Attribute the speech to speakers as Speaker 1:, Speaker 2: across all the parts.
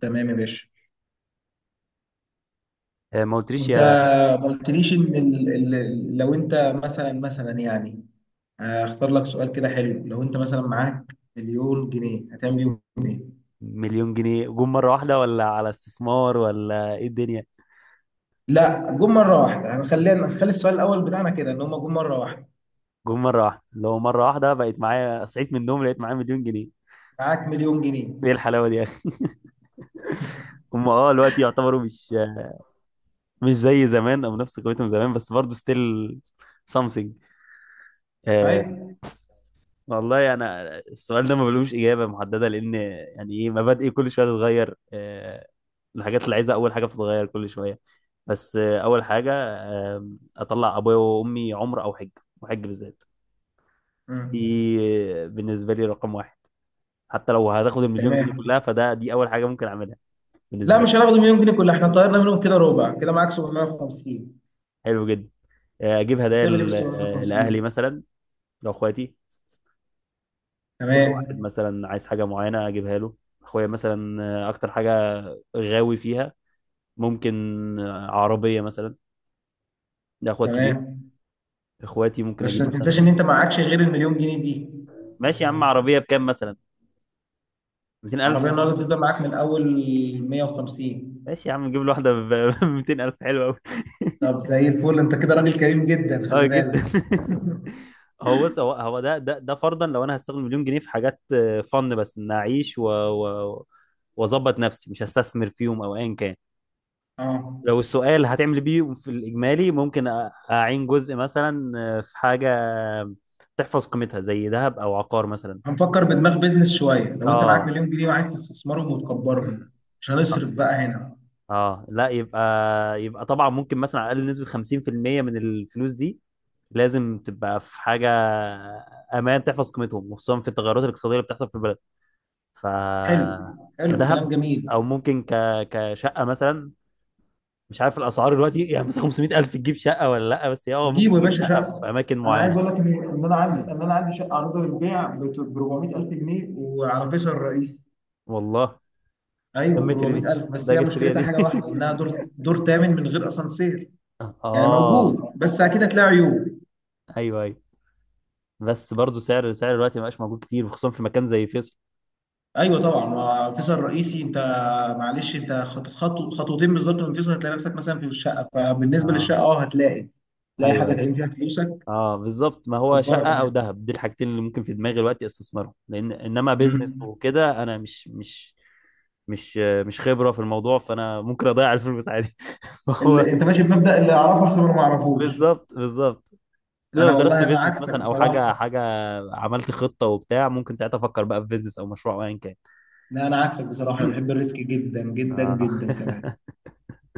Speaker 1: تمام يا باشا.
Speaker 2: آه، ما قلتليش
Speaker 1: انت
Speaker 2: يا.
Speaker 1: ما قلتليش ان لو انت مثلا يعني هختار لك سؤال كده حلو. لو انت مثلا معاك مليون جنيه، هتعمل بيهم ايه؟
Speaker 2: مليون جنيه جم مرة واحدة، ولا على استثمار، ولا ايه الدنيا؟
Speaker 1: لا، جم مره واحده. هنخلينا نخلي السؤال الاول بتاعنا كده ان هم جم مره واحده.
Speaker 2: جم مرة واحدة. لو مرة واحدة بقيت معايا، صحيت من النوم لقيت معايا مليون جنيه،
Speaker 1: معاك مليون جنيه.
Speaker 2: ايه الحلاوة دي يا اخي؟ هم اه دلوقتي يعتبروا مش زي زمان او نفس قيمتهم زمان، بس برضه ستيل something. آه.
Speaker 1: طيب.
Speaker 2: والله انا السؤال ده ما بلوش اجابه محدده، لان يعني ايه، مبادئي كل شويه تتغير. الحاجات اللي عايزها اول حاجه بتتغير كل شويه. بس اول حاجه اطلع ابويا وامي عمره او حج، وحج بالذات. دي
Speaker 1: مم.
Speaker 2: بالنسبة لي رقم واحد، حتى لو هتاخد المليون جنيه
Speaker 1: تمام.
Speaker 2: كلها فده، دي أول حاجة ممكن أعملها بالنسبة
Speaker 1: لا،
Speaker 2: لي.
Speaker 1: مش هناخد مليون جنيه كلها. احنا طيرنا منهم كده ربع. كده معاك 750.
Speaker 2: حلو جدا. أجيب هدايا
Speaker 1: هتعمل ايه بال
Speaker 2: لأهلي
Speaker 1: 750؟
Speaker 2: مثلا، لأخواتي. كل
Speaker 1: تمام،
Speaker 2: واحد مثلا عايز حاجة معينة أجيبها له. أخويا مثلا أكتر حاجة غاوي فيها، ممكن عربية مثلا، ده أخويا الكبير.
Speaker 1: تمام.
Speaker 2: إخواتي ممكن
Speaker 1: بس
Speaker 2: أجيب
Speaker 1: ما تنساش
Speaker 2: مثلا.
Speaker 1: ان انت معكش غير المليون جنيه دي.
Speaker 2: ماشي يا عم، عربية بكام مثلا؟
Speaker 1: عربية
Speaker 2: 200,000.
Speaker 1: النهاردة بتبدأ معاك من أول 150.
Speaker 2: ماشي يا عم، نجيب له واحدة ب 200,000، حلوة أوي.
Speaker 1: طب زي الفل، انت كده راجل كريم جدا،
Speaker 2: اه
Speaker 1: خلي
Speaker 2: جدا.
Speaker 1: بالك.
Speaker 2: هو بص هو هو ده فرضا لو انا هستخدم مليون جنيه في حاجات، فن بس ان اعيش واظبط نفسي، مش هستثمر فيهم او ايا كان.
Speaker 1: اه.
Speaker 2: لو السؤال هتعمل بيه في الاجمالي، ممكن اعين جزء مثلا في حاجه تحفظ قيمتها زي ذهب او عقار مثلا.
Speaker 1: هنفكر بدماغ بيزنس شوية. لو أنت معاك
Speaker 2: اه.
Speaker 1: مليون جنيه وعايز تستثمرهم وتكبرهم، مش
Speaker 2: اه.
Speaker 1: هنصرف بقى هنا.
Speaker 2: آه، لا، يبقى يبقى طبعا ممكن مثلا على الاقل نسبه 50% من الفلوس دي لازم تبقى في حاجه امان تحفظ قيمتهم، وخصوصا في التغيرات الاقتصاديه اللي بتحصل في البلد. ف
Speaker 1: حلو، حلو، كلام
Speaker 2: كدهب.
Speaker 1: جميل.
Speaker 2: او ممكن كشقه مثلا. مش عارف الاسعار دلوقتي، يعني مثلا 500,000 تجيب شقه ولا لا؟ بس هي اه ممكن
Speaker 1: جيبوا يا
Speaker 2: تجيب
Speaker 1: باشا
Speaker 2: شقه
Speaker 1: شقة.
Speaker 2: في اماكن
Speaker 1: انا عايز
Speaker 2: معينه.
Speaker 1: اقول لك ان انا عندي شقه عروضه للبيع ب 400000 جنيه وعلى فيصل الرئيسي.
Speaker 2: والله.
Speaker 1: أيوه،
Speaker 2: كم
Speaker 1: ب
Speaker 2: متر دي؟
Speaker 1: 400000، بس
Speaker 2: ده
Speaker 1: هي
Speaker 2: اجي اشتريها
Speaker 1: مشكلتها
Speaker 2: دي.
Speaker 1: حاجة واحدة إنها دور تامن من غير أسانسير. يعني
Speaker 2: اه.
Speaker 1: موجود، بس أكيد هتلاقي عيوب.
Speaker 2: ايوه ايوه، بس برضو سعر دلوقتي ما بقاش موجود كتير، وخصوصا في مكان زي فيصل.
Speaker 1: ايوه طبعا، ما فيصل رئيسي انت. معلش، انت خطوتين بالظبط من فيصل هتلاقي نفسك مثلا في الشقه. فبالنسبه للشقه،
Speaker 2: اه،
Speaker 1: اه، تلاقي
Speaker 2: ايوه
Speaker 1: حاجه
Speaker 2: ايوه.
Speaker 1: تعين فيها فلوسك
Speaker 2: اه بالظبط، ما هو
Speaker 1: تكبرك
Speaker 2: شقه او
Speaker 1: بقى.
Speaker 2: ذهب دي الحاجتين اللي ممكن في دماغي دلوقتي استثمرهم، لان انما بيزنس
Speaker 1: امم.
Speaker 2: وكده انا مش مش خبره في الموضوع، فانا ممكن اضيع الفلوس عادي. فهو
Speaker 1: انت ماشي بمبدا اللي اعرفه احسن من اللي ما اعرفوش.
Speaker 2: بالظبط بالظبط. الا لو
Speaker 1: انا
Speaker 2: درست
Speaker 1: والله انا
Speaker 2: بيزنس
Speaker 1: عكسك
Speaker 2: مثلا او حاجه
Speaker 1: بصراحه.
Speaker 2: حاجه عملت خطه وبتاع، ممكن ساعتها افكر بقى في بيزنس او مشروع او ايا كان.
Speaker 1: لا، انا عكسك بصراحه، أنا بحب الريسك جدا جدا
Speaker 2: آه.
Speaker 1: جدا كمان.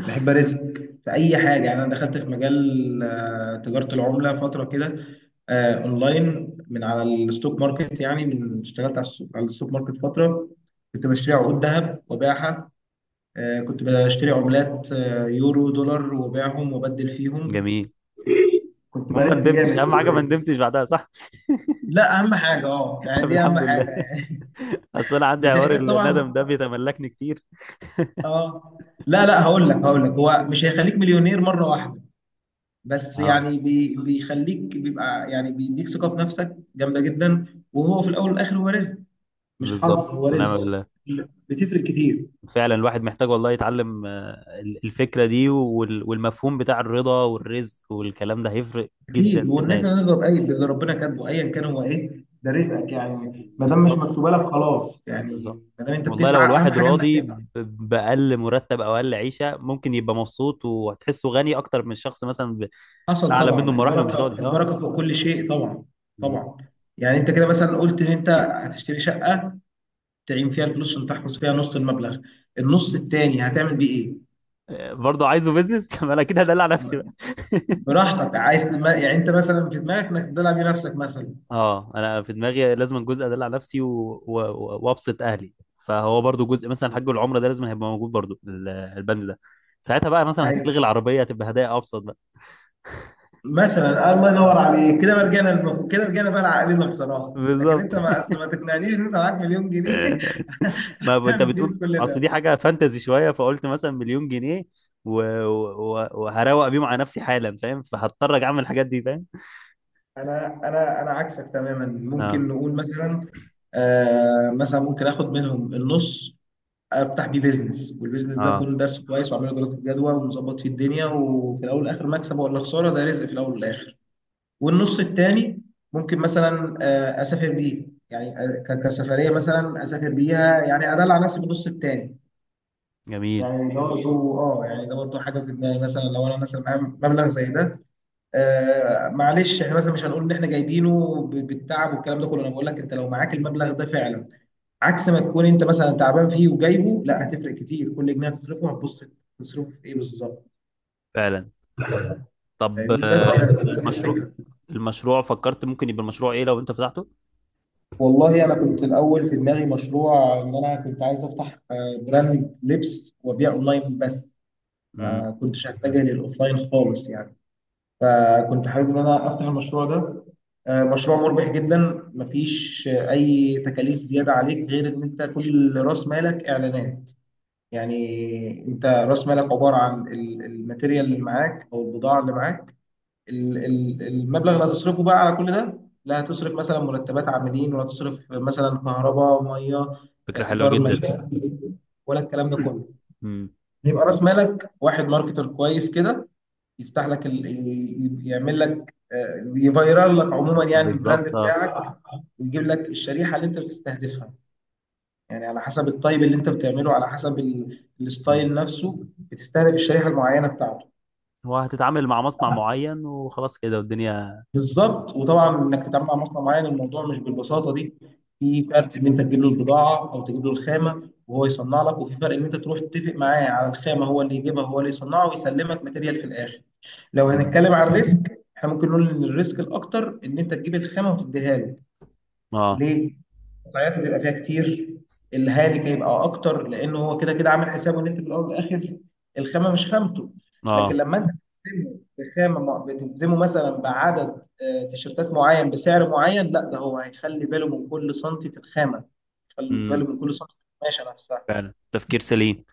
Speaker 1: بحب ارزق في اي حاجه. يعني انا دخلت في مجال تجاره العمله فتره كده. اونلاين من على الستوك ماركت. يعني من اشتغلت على الستوك ماركت فتره، كنت بشتري عقود ذهب وباعها. كنت بشتري عملات، يورو دولار، وباعهم وبدل فيهم.
Speaker 2: جميل.
Speaker 1: كنت
Speaker 2: المهم ما
Speaker 1: برزق
Speaker 2: ندمتش،
Speaker 1: جامد.
Speaker 2: اهم حاجه ما ندمتش بعدها، صح؟
Speaker 1: لا، اهم حاجه، يعني
Speaker 2: طب
Speaker 1: دي اهم
Speaker 2: الحمد لله.
Speaker 1: حاجه يعني.
Speaker 2: اصل انا عندي حوار
Speaker 1: بتحتاج
Speaker 2: الندم
Speaker 1: طبعا.
Speaker 2: ده بيتملكني كتير.
Speaker 1: اه. لا، لا، هقول لك هو مش هيخليك مليونير مره واحده. بس
Speaker 2: اه
Speaker 1: يعني، بيخليك بيبقى يعني بيديك ثقة في نفسك جامدة جدا. وهو في الأول والآخر هو رزق. مش حظ،
Speaker 2: بالظبط،
Speaker 1: هو
Speaker 2: ونعم
Speaker 1: رزق.
Speaker 2: بالله.
Speaker 1: بتفرق كتير.
Speaker 2: فعلا الواحد محتاج والله يتعلم الفكره دي والمفهوم بتاع الرضا والرزق، والكلام ده هيفرق جدا
Speaker 1: أكيد.
Speaker 2: في
Speaker 1: وإن إحنا
Speaker 2: الناس.
Speaker 1: نرضى باللي ربنا كاتبه أيا كان هو إيه. ده رزقك يعني. ما دام مش
Speaker 2: بالظبط.
Speaker 1: مكتوبة لك، خلاص
Speaker 2: بالظبط.
Speaker 1: يعني. ما دام أنت
Speaker 2: والله لو
Speaker 1: بتسعى، أهم
Speaker 2: الواحد
Speaker 1: حاجة إنك
Speaker 2: راضي
Speaker 1: تسعى.
Speaker 2: بأقل مرتب أو أقل عيشة، ممكن يبقى مبسوط، وهتحسه غني أكتر من شخص مثلا
Speaker 1: حصل
Speaker 2: أعلى منه
Speaker 1: طبعا.
Speaker 2: بمراحل ومش
Speaker 1: البركة
Speaker 2: راضي. أه.
Speaker 1: البركة فوق كل شيء طبعا.
Speaker 2: مم.
Speaker 1: طبعا. يعني أنت كده مثلا قلت إن أنت هتشتري شقة تعين فيها الفلوس عشان تحفظ فيها نص المبلغ. النص التاني هتعمل بيه إيه؟
Speaker 2: برضه عايزه بيزنس. ما أنا كده هدلع نفسي بقى.
Speaker 1: براحتك. عايز يعني انت مثلا في دماغك انك تلعب بنفسك مثلا.
Speaker 2: أه، أنا في دماغي لازم جزء أدلع نفسي وأبسط أهلي، فهو برضه جزء مثلا حج العمرة ده لازم هيبقى موجود برضه البند ده. ساعتها بقى مثلا
Speaker 1: ايوه.
Speaker 2: هتتلغي العربية، هتبقى هدايا أبسط بقى.
Speaker 1: مثلا الله ينور
Speaker 2: أه
Speaker 1: عليك. كده رجعنا بقى لعقلنا بصراحه. لكن
Speaker 2: بالظبط.
Speaker 1: انت، ما أصل ما تقنعنيش ان انت معاك مليون جنيه.
Speaker 2: ما ب- انت
Speaker 1: تعمل بيهم
Speaker 2: بتقول
Speaker 1: كل
Speaker 2: اصل
Speaker 1: ده.
Speaker 2: دي حاجه فانتزي شويه، فقلت مثلا مليون جنيه وهروق بيهم على نفسي حالا، فاهم؟ فهضطر أجي اعمل الحاجات دي، فاهم.
Speaker 1: انا عكسك تماما.
Speaker 2: اه.
Speaker 1: ممكن نقول مثلا، مثلا ممكن اخد منهم النص، افتح بيه بيزنس. والبيزنس ده
Speaker 2: اه.
Speaker 1: اكون درسه كويس واعمله دراسه جدوى ومظبط فيه الدنيا. وفي الاول والاخر مكسب ولا خساره، ده رزق في الاول والاخر. والنص الثاني ممكن مثلا اسافر بيه. يعني كسفريه مثلا اسافر بيها. يعني ادلع على نفسي بالنص الثاني.
Speaker 2: جميل.
Speaker 1: يعني ده برضه حاجه في دماغي مثلا لو انا مثلا معايا مبلغ زي ده. معلش، احنا مثلا مش هنقول ان احنا جايبينه بالتعب والكلام ده كله. انا بقول لك انت لو معاك المبلغ ده فعلا عكس ما تكون انت مثلا تعبان فيه وجايبه، لا، هتفرق كتير. كل جنيه هتصرفه هتبص تصرفه في ايه بالظبط.
Speaker 2: فعلا. طب
Speaker 1: فاهمني بس
Speaker 2: المشروع،
Speaker 1: يعني.
Speaker 2: المشروع فكرت ممكن يبقى المشروع ايه لو انت فتحته؟
Speaker 1: والله انا كنت الاول في دماغي مشروع ان انا كنت عايز افتح براند لبس وابيع اونلاين بس.
Speaker 2: امم.
Speaker 1: ما كنتش هتجه للاوفلاين خالص يعني. فكنت حابب ان انا افتح المشروع ده. مشروع مربح جدا. مفيش اي تكاليف زياده عليك غير ان انت كل راس مالك اعلانات. يعني انت راس مالك عباره عن الماتيريال اللي معاك او البضاعه اللي معاك. المبلغ اللي هتصرفه بقى على كل ده، لا هتصرف مثلا مرتبات عاملين ولا تصرف مثلا كهرباء ميه
Speaker 2: فكره حلوه
Speaker 1: ايجار
Speaker 2: جدا.
Speaker 1: مكان ولا الكلام ده كله.
Speaker 2: امم.
Speaker 1: يبقى راس مالك واحد ماركتر كويس كده يفتح لك يعمل لك، يفيرال لك عموما يعني البراند
Speaker 2: بالظبط اه.
Speaker 1: بتاعك، ويجيب لك الشريحه اللي انت بتستهدفها. يعني على حسب الطيب اللي انت بتعمله، على حسب
Speaker 2: امم.
Speaker 1: الستايل نفسه، بتستهدف الشريحه المعينه بتاعته.
Speaker 2: هو هتتعامل مع مصنع معين وخلاص كده والدنيا؟
Speaker 1: بالظبط. وطبعا انك تتعامل مع مصنع معين، الموضوع مش بالبساطه دي. في فرق ان انت تجيب له البضاعه، او تجيب له الخامه وهو يصنع لك. وفي فرق ان انت تروح تتفق معاه على الخامه، هو اللي يجيبها، هو اللي يصنعها ويسلمك ماتيريال في الاخر. لو
Speaker 2: امم.
Speaker 1: هنتكلم عن الريسك، احنا ممكن نقول ان الريسك الاكتر ان انت تجيب الخامه وتديها له.
Speaker 2: اه.
Speaker 1: ليه؟ قطعياته بيبقى فيها كتير. الهالك هيبقى اكتر، لانه هو كده كده عامل حسابه ان انت في الاول والاخر الخامه مش خامته. لكن
Speaker 2: اه.
Speaker 1: لما انت بتلزمه بخامه، بتلزمه مثلا بعدد تيشيرتات معين بسعر معين، لا، ده هو هيخلي باله من كل سنتي في الخامه. يخلي
Speaker 2: امم.
Speaker 1: باله من كل سنتي في القماشه نفسها.
Speaker 2: فعلا تفكير سليم.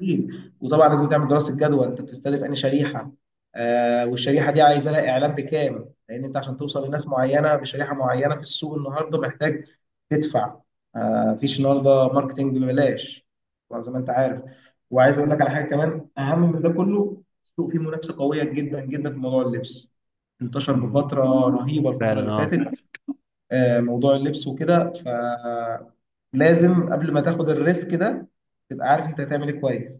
Speaker 1: أكيد. وطبعا لازم تعمل دراسه جدوى. انت بتستهدف انهي شريحه؟ والشريحه دي عايزه لها اعلان بكام؟ لان انت عشان توصل لناس معينه بشريحه معينه في السوق النهارده محتاج تدفع. مفيش النهارده ماركتنج ببلاش، طبعا، زي ما انت عارف. وعايز اقول لك على حاجه كمان اهم من ده كله، السوق فيه منافسه قويه جدا جدا في موضوع اللبس. انتشر
Speaker 2: امم.
Speaker 1: بفتره رهيبه الفتره اللي
Speaker 2: فعلا
Speaker 1: فاتت، موضوع اللبس وكده. فلازم قبل ما تاخد الريسك ده تبقى عارف انت هتعمل ايه كويس.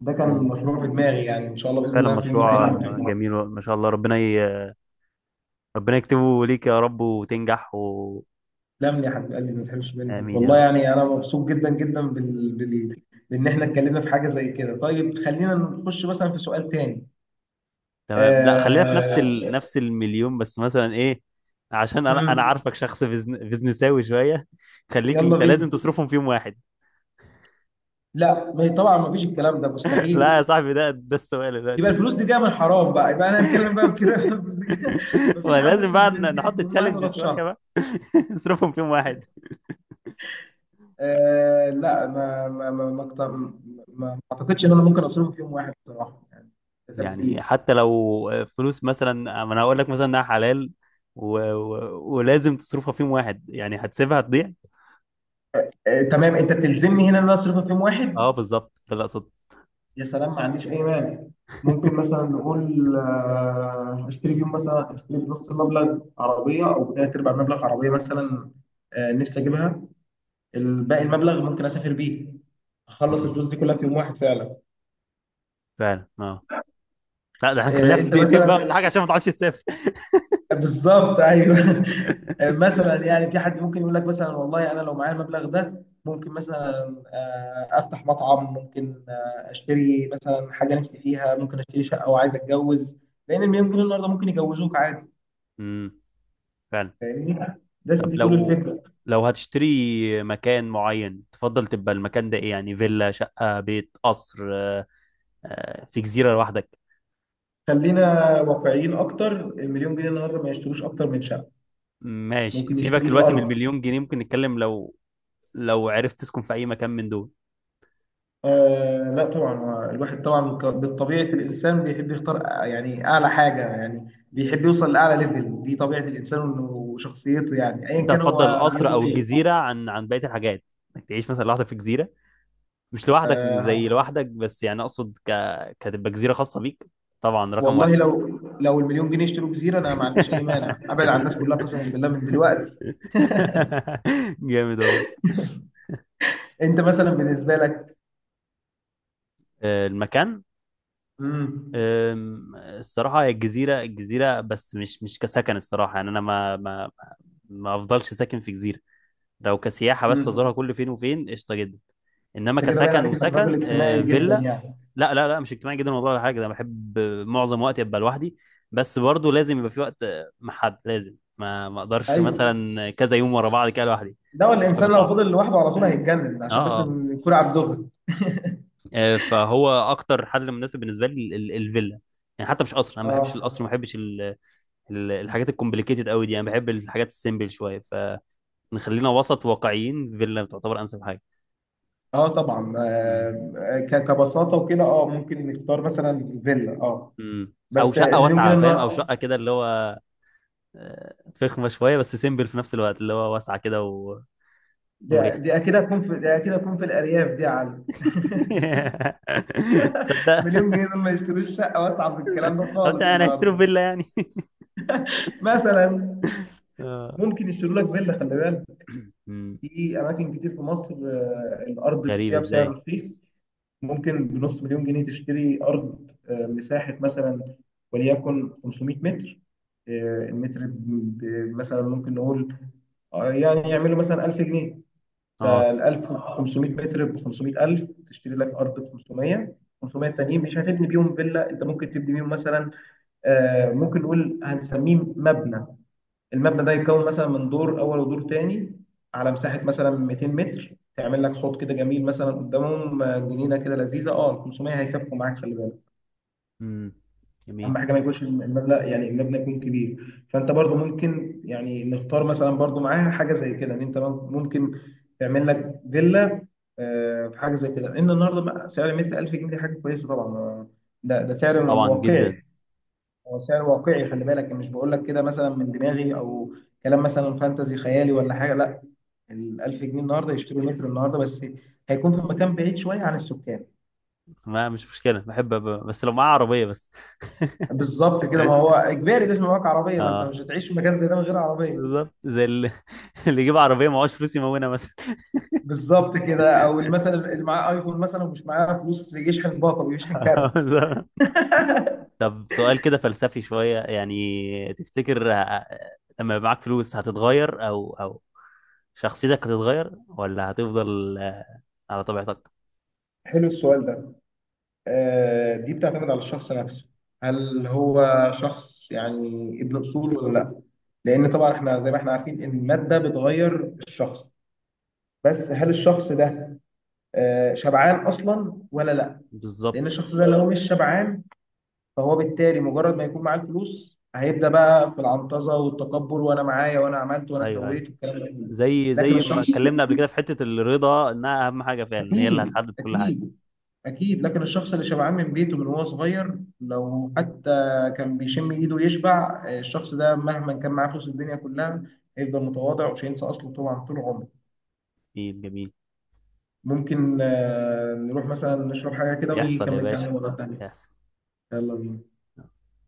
Speaker 1: ده كان
Speaker 2: اه.
Speaker 1: مشروع في دماغي يعني. ان شاء الله باذن
Speaker 2: فعلا
Speaker 1: الله في يوم من
Speaker 2: مشروع
Speaker 1: الايام تسلم
Speaker 2: جميل، ما شاء الله. ربنا يكتبه ليك يا رب، وتنجح
Speaker 1: لي يا حبيب قلبي، ما تحرمش منك
Speaker 2: امين يا
Speaker 1: والله.
Speaker 2: رب.
Speaker 1: يعني انا مبسوط جدا جدا بان احنا اتكلمنا في حاجه زي كده. طيب خلينا نخش مثلا في سؤال تاني.
Speaker 2: تمام، لا خلينا في نفس
Speaker 1: آه...
Speaker 2: نفس المليون، بس مثلا ايه، عشان انا
Speaker 1: مم.
Speaker 2: عارفك شخص بزنساوي شويه، خليك
Speaker 1: يلا
Speaker 2: انت لازم
Speaker 1: بينا.
Speaker 2: تصرفهم في يوم واحد.
Speaker 1: لا، ما هي طبعا ما فيش الكلام ده
Speaker 2: لا يا
Speaker 1: مستحيل.
Speaker 2: صاحبي، ده السؤال
Speaker 1: يبقى
Speaker 2: دلوقتي.
Speaker 1: الفلوس دي جايه من الحرام بقى. يبقى انا هنتكلم بقى بكده. الفلوس دي جاية- ما فيش حد
Speaker 2: ولازم
Speaker 1: يصرف
Speaker 2: بقى
Speaker 1: مليون جنيه
Speaker 2: نحط
Speaker 1: في يوم واحد
Speaker 2: تشالنج
Speaker 1: ولا في
Speaker 2: شويه
Speaker 1: شهر.
Speaker 2: بقى. اصرفهم في يوم واحد.
Speaker 1: لا، ما اعتقدش ان انا ممكن اصرفه في يوم واحد بصراحه يعني. ده تبذير.
Speaker 2: يعني حتى لو فلوس مثلا، ما انا هقول لك مثلا انها حلال ولازم تصرفها في يوم واحد، يعني هتسيبها تضيع؟
Speaker 1: تمام، انت بتلزمني هنا ان انا اصرف في يوم
Speaker 2: اه
Speaker 1: واحد.
Speaker 2: بالظبط، ده اللي اقصده.
Speaker 1: يا سلام، ما عنديش اي مانع. ممكن مثلا نقول هشتري بيهم مثلا هشتري بنص المبلغ عربيه او بثلاث ارباع المبلغ عربيه مثلا. نفسي اجيبها. الباقي المبلغ ممكن اسافر بيه. اخلص
Speaker 2: امم.
Speaker 1: الفلوس دي كلها في يوم واحد فعلا.
Speaker 2: فعلا اه. لا ده احنا هنخليها في
Speaker 1: انت
Speaker 2: دقيقتين بقى ولا
Speaker 1: مثلا.
Speaker 2: حاجه، عشان ما تعرفش تسافر.
Speaker 1: بالظبط، ايوه. مثلا يعني، في حد ممكن يقول لك مثلا والله انا لو معايا المبلغ ده ممكن مثلا افتح مطعم. ممكن اشتري مثلا حاجه نفسي فيها. ممكن اشتري شقه وعايز اتجوز، لان المليون جنيه النهارده ممكن يجوزوك عادي.
Speaker 2: امم. فعلا.
Speaker 1: فاهمني. بس
Speaker 2: طب
Speaker 1: دي كل
Speaker 2: لو
Speaker 1: الفكره.
Speaker 2: لو هتشتري مكان معين تفضل تبقى المكان ده ايه يعني، فيلا، شقه، بيت، قصر، في جزيره لوحدك؟
Speaker 1: خلينا واقعيين اكتر، المليون جنيه النهارده ما يشتروش اكتر من شقه.
Speaker 2: ماشي
Speaker 1: ممكن
Speaker 2: سيبك
Speaker 1: يشتروا
Speaker 2: دلوقتي من
Speaker 1: ارض.
Speaker 2: المليون جنيه، ممكن نتكلم لو، لو عرفت تسكن في اي مكان من دول
Speaker 1: لا طبعا. هو الواحد طبعا، بالطبيعة الإنسان بيحب يختار يعني أعلى حاجة يعني. بيحب يوصل لأعلى ليفل. دي طبيعة الإنسان وشخصيته يعني، أيا
Speaker 2: انت
Speaker 1: كان
Speaker 2: هتفضل
Speaker 1: هو
Speaker 2: القصر
Speaker 1: ميوله
Speaker 2: او
Speaker 1: إيه.
Speaker 2: الجزيره عن بقيه الحاجات؟ انك تعيش مثلا لوحدك في جزيره، مش لوحدك زي لوحدك، بس يعني اقصد كتبقى جزيره خاصه بيك. طبعا رقم واحد.
Speaker 1: والله لو المليون جنيه اشتروا جزيرة أنا ما عنديش أي مانع أبعد عن الناس كلها قسما بالله من دلوقتي.
Speaker 2: جامد والله.
Speaker 1: أنت مثلا بالنسبة لك.
Speaker 2: آه، المكان.
Speaker 1: امم.
Speaker 2: آم، الصراحه هي الجزيره، الجزيره بس مش كسكن الصراحه. يعني انا ما ما ما افضلش ساكن في جزيره. لو كسياحة بس أزورها
Speaker 1: امم.
Speaker 2: كل فين وفين، قشطة جدا. إنما
Speaker 1: أنت كده باين
Speaker 2: كسكن،
Speaker 1: عليك إنك
Speaker 2: وسكن
Speaker 1: راجل اجتماعي جدا
Speaker 2: فيلا.
Speaker 1: يعني.
Speaker 2: لا لا لا، مش اجتماعي جدا والله ولا حاجة، ده بحب معظم وقتي أبقى لوحدي. بس برضه لازم يبقى في وقت مع حد، لازم، ما ما أقدرش
Speaker 1: أيوه.
Speaker 2: مثلا كذا يوم ورا بعض كده لوحدي،
Speaker 1: ده هو
Speaker 2: الموضوع هيبقى
Speaker 1: الإنسان لو
Speaker 2: صعب.
Speaker 1: فضل لوحده على طول هيتجنن،
Speaker 2: اه
Speaker 1: عشان بس
Speaker 2: اه.
Speaker 1: نكون على الدغري.
Speaker 2: فهو اكتر حل مناسب بالنسبه لي الفيلا. يعني حتى مش قصر، انا ما بحبش
Speaker 1: اه،
Speaker 2: القصر، ما بحبش الحاجات الكومبليكيتد قوي دي، انا بحب الحاجات السيمبل شويه. فنخلينا وسط واقعيين، فيلا تعتبر انسب حاجه.
Speaker 1: اه. طبعا كبساطه وكده، ممكن نختار مثلا فيلا، اه.
Speaker 2: امم. او
Speaker 1: بس
Speaker 2: شقه
Speaker 1: المليون جنيه
Speaker 2: واسعه، فاهم، او شقه كده اللي هو فخمه شويه بس سيمبل في نفس الوقت، اللي هو واسعه كده ومريحه.
Speaker 1: دي اكيد هتكون في الارياف دي يا علي.
Speaker 2: تصدق.
Speaker 1: مليون جنيه دول ما يشتروش شقه واسعه في الكلام ده
Speaker 2: خلاص
Speaker 1: خالص
Speaker 2: يعني انا هشتري
Speaker 1: النهارده.
Speaker 2: فيلا يعني.
Speaker 1: مثلا
Speaker 2: آه.
Speaker 1: ممكن يشتروا لك فيلا خلي بالك.
Speaker 2: مم.
Speaker 1: في اماكن كتير في مصر الارض
Speaker 2: غريب،
Speaker 1: فيها بسعر
Speaker 2: ازاي؟
Speaker 1: رخيص. ممكن بنص مليون جنيه تشتري ارض، مساحه مثلا وليكن 500 متر. المتر مثلا ممكن نقول يعني يعملوا مثلا 1000 جنيه.
Speaker 2: اه.
Speaker 1: فال 1000 ب 500 متر ب 500000 تشتري لك ارض ب 500. 500 تانيين مش هتبني بيهم فيلا، انت ممكن تبني بيهم مثلا ممكن نقول هنسميه مبنى. المبنى ده يتكون مثلا من دور اول ودور تاني على مساحه مثلا 200 متر. تعمل لك حوض كده جميل مثلا قدامهم، جنينه كده لذيذه. اه 500 هيكفوا معاك خلي بالك.
Speaker 2: امم.
Speaker 1: اهم
Speaker 2: جميل.
Speaker 1: حاجه ما يكونش المبنى، يعني المبنى يكون كبير. فانت برضو ممكن يعني نختار مثلا برضو معاها حاجه زي كده ان انت ممكن تعمل لك فيلا. في حاجه زي كده. ان النهارده بقى سعر المتر 1000 جنيه، دي حاجه كويسه طبعا. ده سعر
Speaker 2: طبعا
Speaker 1: واقعي.
Speaker 2: جدا.
Speaker 1: هو سعر واقعي خلي بالك. مش بقول لك كده مثلا من دماغي او كلام مثلا فانتزي خيالي ولا حاجه لا. ال 1000 جنيه النهارده يشتروا متر النهارده بس. هيكون في مكان بعيد شويه عن السكان.
Speaker 2: ما مش مشكله، بحب بس لو معاه عربيه بس.
Speaker 1: بالظبط كده، ما هو اجباري لازم يبقى معاك عربيه. ما انت مش
Speaker 2: اه
Speaker 1: هتعيش في مكان زي ده من غير عربيه.
Speaker 2: بالظبط، زي اللي، اللي يجيب عربيه معهوش فلوس يمونها مثلا.
Speaker 1: بالظبط كده. او مثلا اللي معاه ايفون مثلا ومش معاه فلوس يشحن باقه بيشحن كارت.
Speaker 2: آه، بالظبط. طب سؤال كده فلسفي شوية، يعني تفتكر لما يبقى معاك فلوس هتتغير أو شخصيتك هتتغير، ولا هتفضل على طبيعتك؟
Speaker 1: حلو السؤال ده. دي بتعتمد على الشخص نفسه. هل هو شخص يعني ابن اصول ولا لا؟ لان طبعا احنا زي ما احنا عارفين ان الماده بتغير الشخص. بس هل الشخص ده شبعان اصلا ولا لا؟ لان
Speaker 2: بالظبط.
Speaker 1: الشخص ده لو مش شبعان، فهو بالتالي مجرد ما يكون معاه الفلوس هيبدا بقى في العنطزه والتكبر وانا معايا وانا عملت وانا
Speaker 2: أيوه أيوه،
Speaker 1: سويت والكلام ده كله.
Speaker 2: زي
Speaker 1: لكن
Speaker 2: زي ما
Speaker 1: الشخص،
Speaker 2: اتكلمنا قبل كده في حتة الرضا، إنها أهم حاجة فعلا، هي اللي
Speaker 1: اكيد،
Speaker 2: هتحدد كل حاجة.
Speaker 1: اكيد، اكيد لكن الشخص اللي شبعان من بيته من وهو صغير لو حتى كان بيشم ايده يشبع، الشخص ده مهما كان معاه فلوس الدنيا كلها هيفضل متواضع ومش هينسى اصله طبعا طول عمره.
Speaker 2: جميل، جميل.
Speaker 1: ممكن نروح مثلا نشرب حاجه كده ونيجي
Speaker 2: يحصل يا
Speaker 1: نكمل
Speaker 2: باشا،
Speaker 1: كلام مره تانيه.
Speaker 2: يحصل.
Speaker 1: يلا بينا.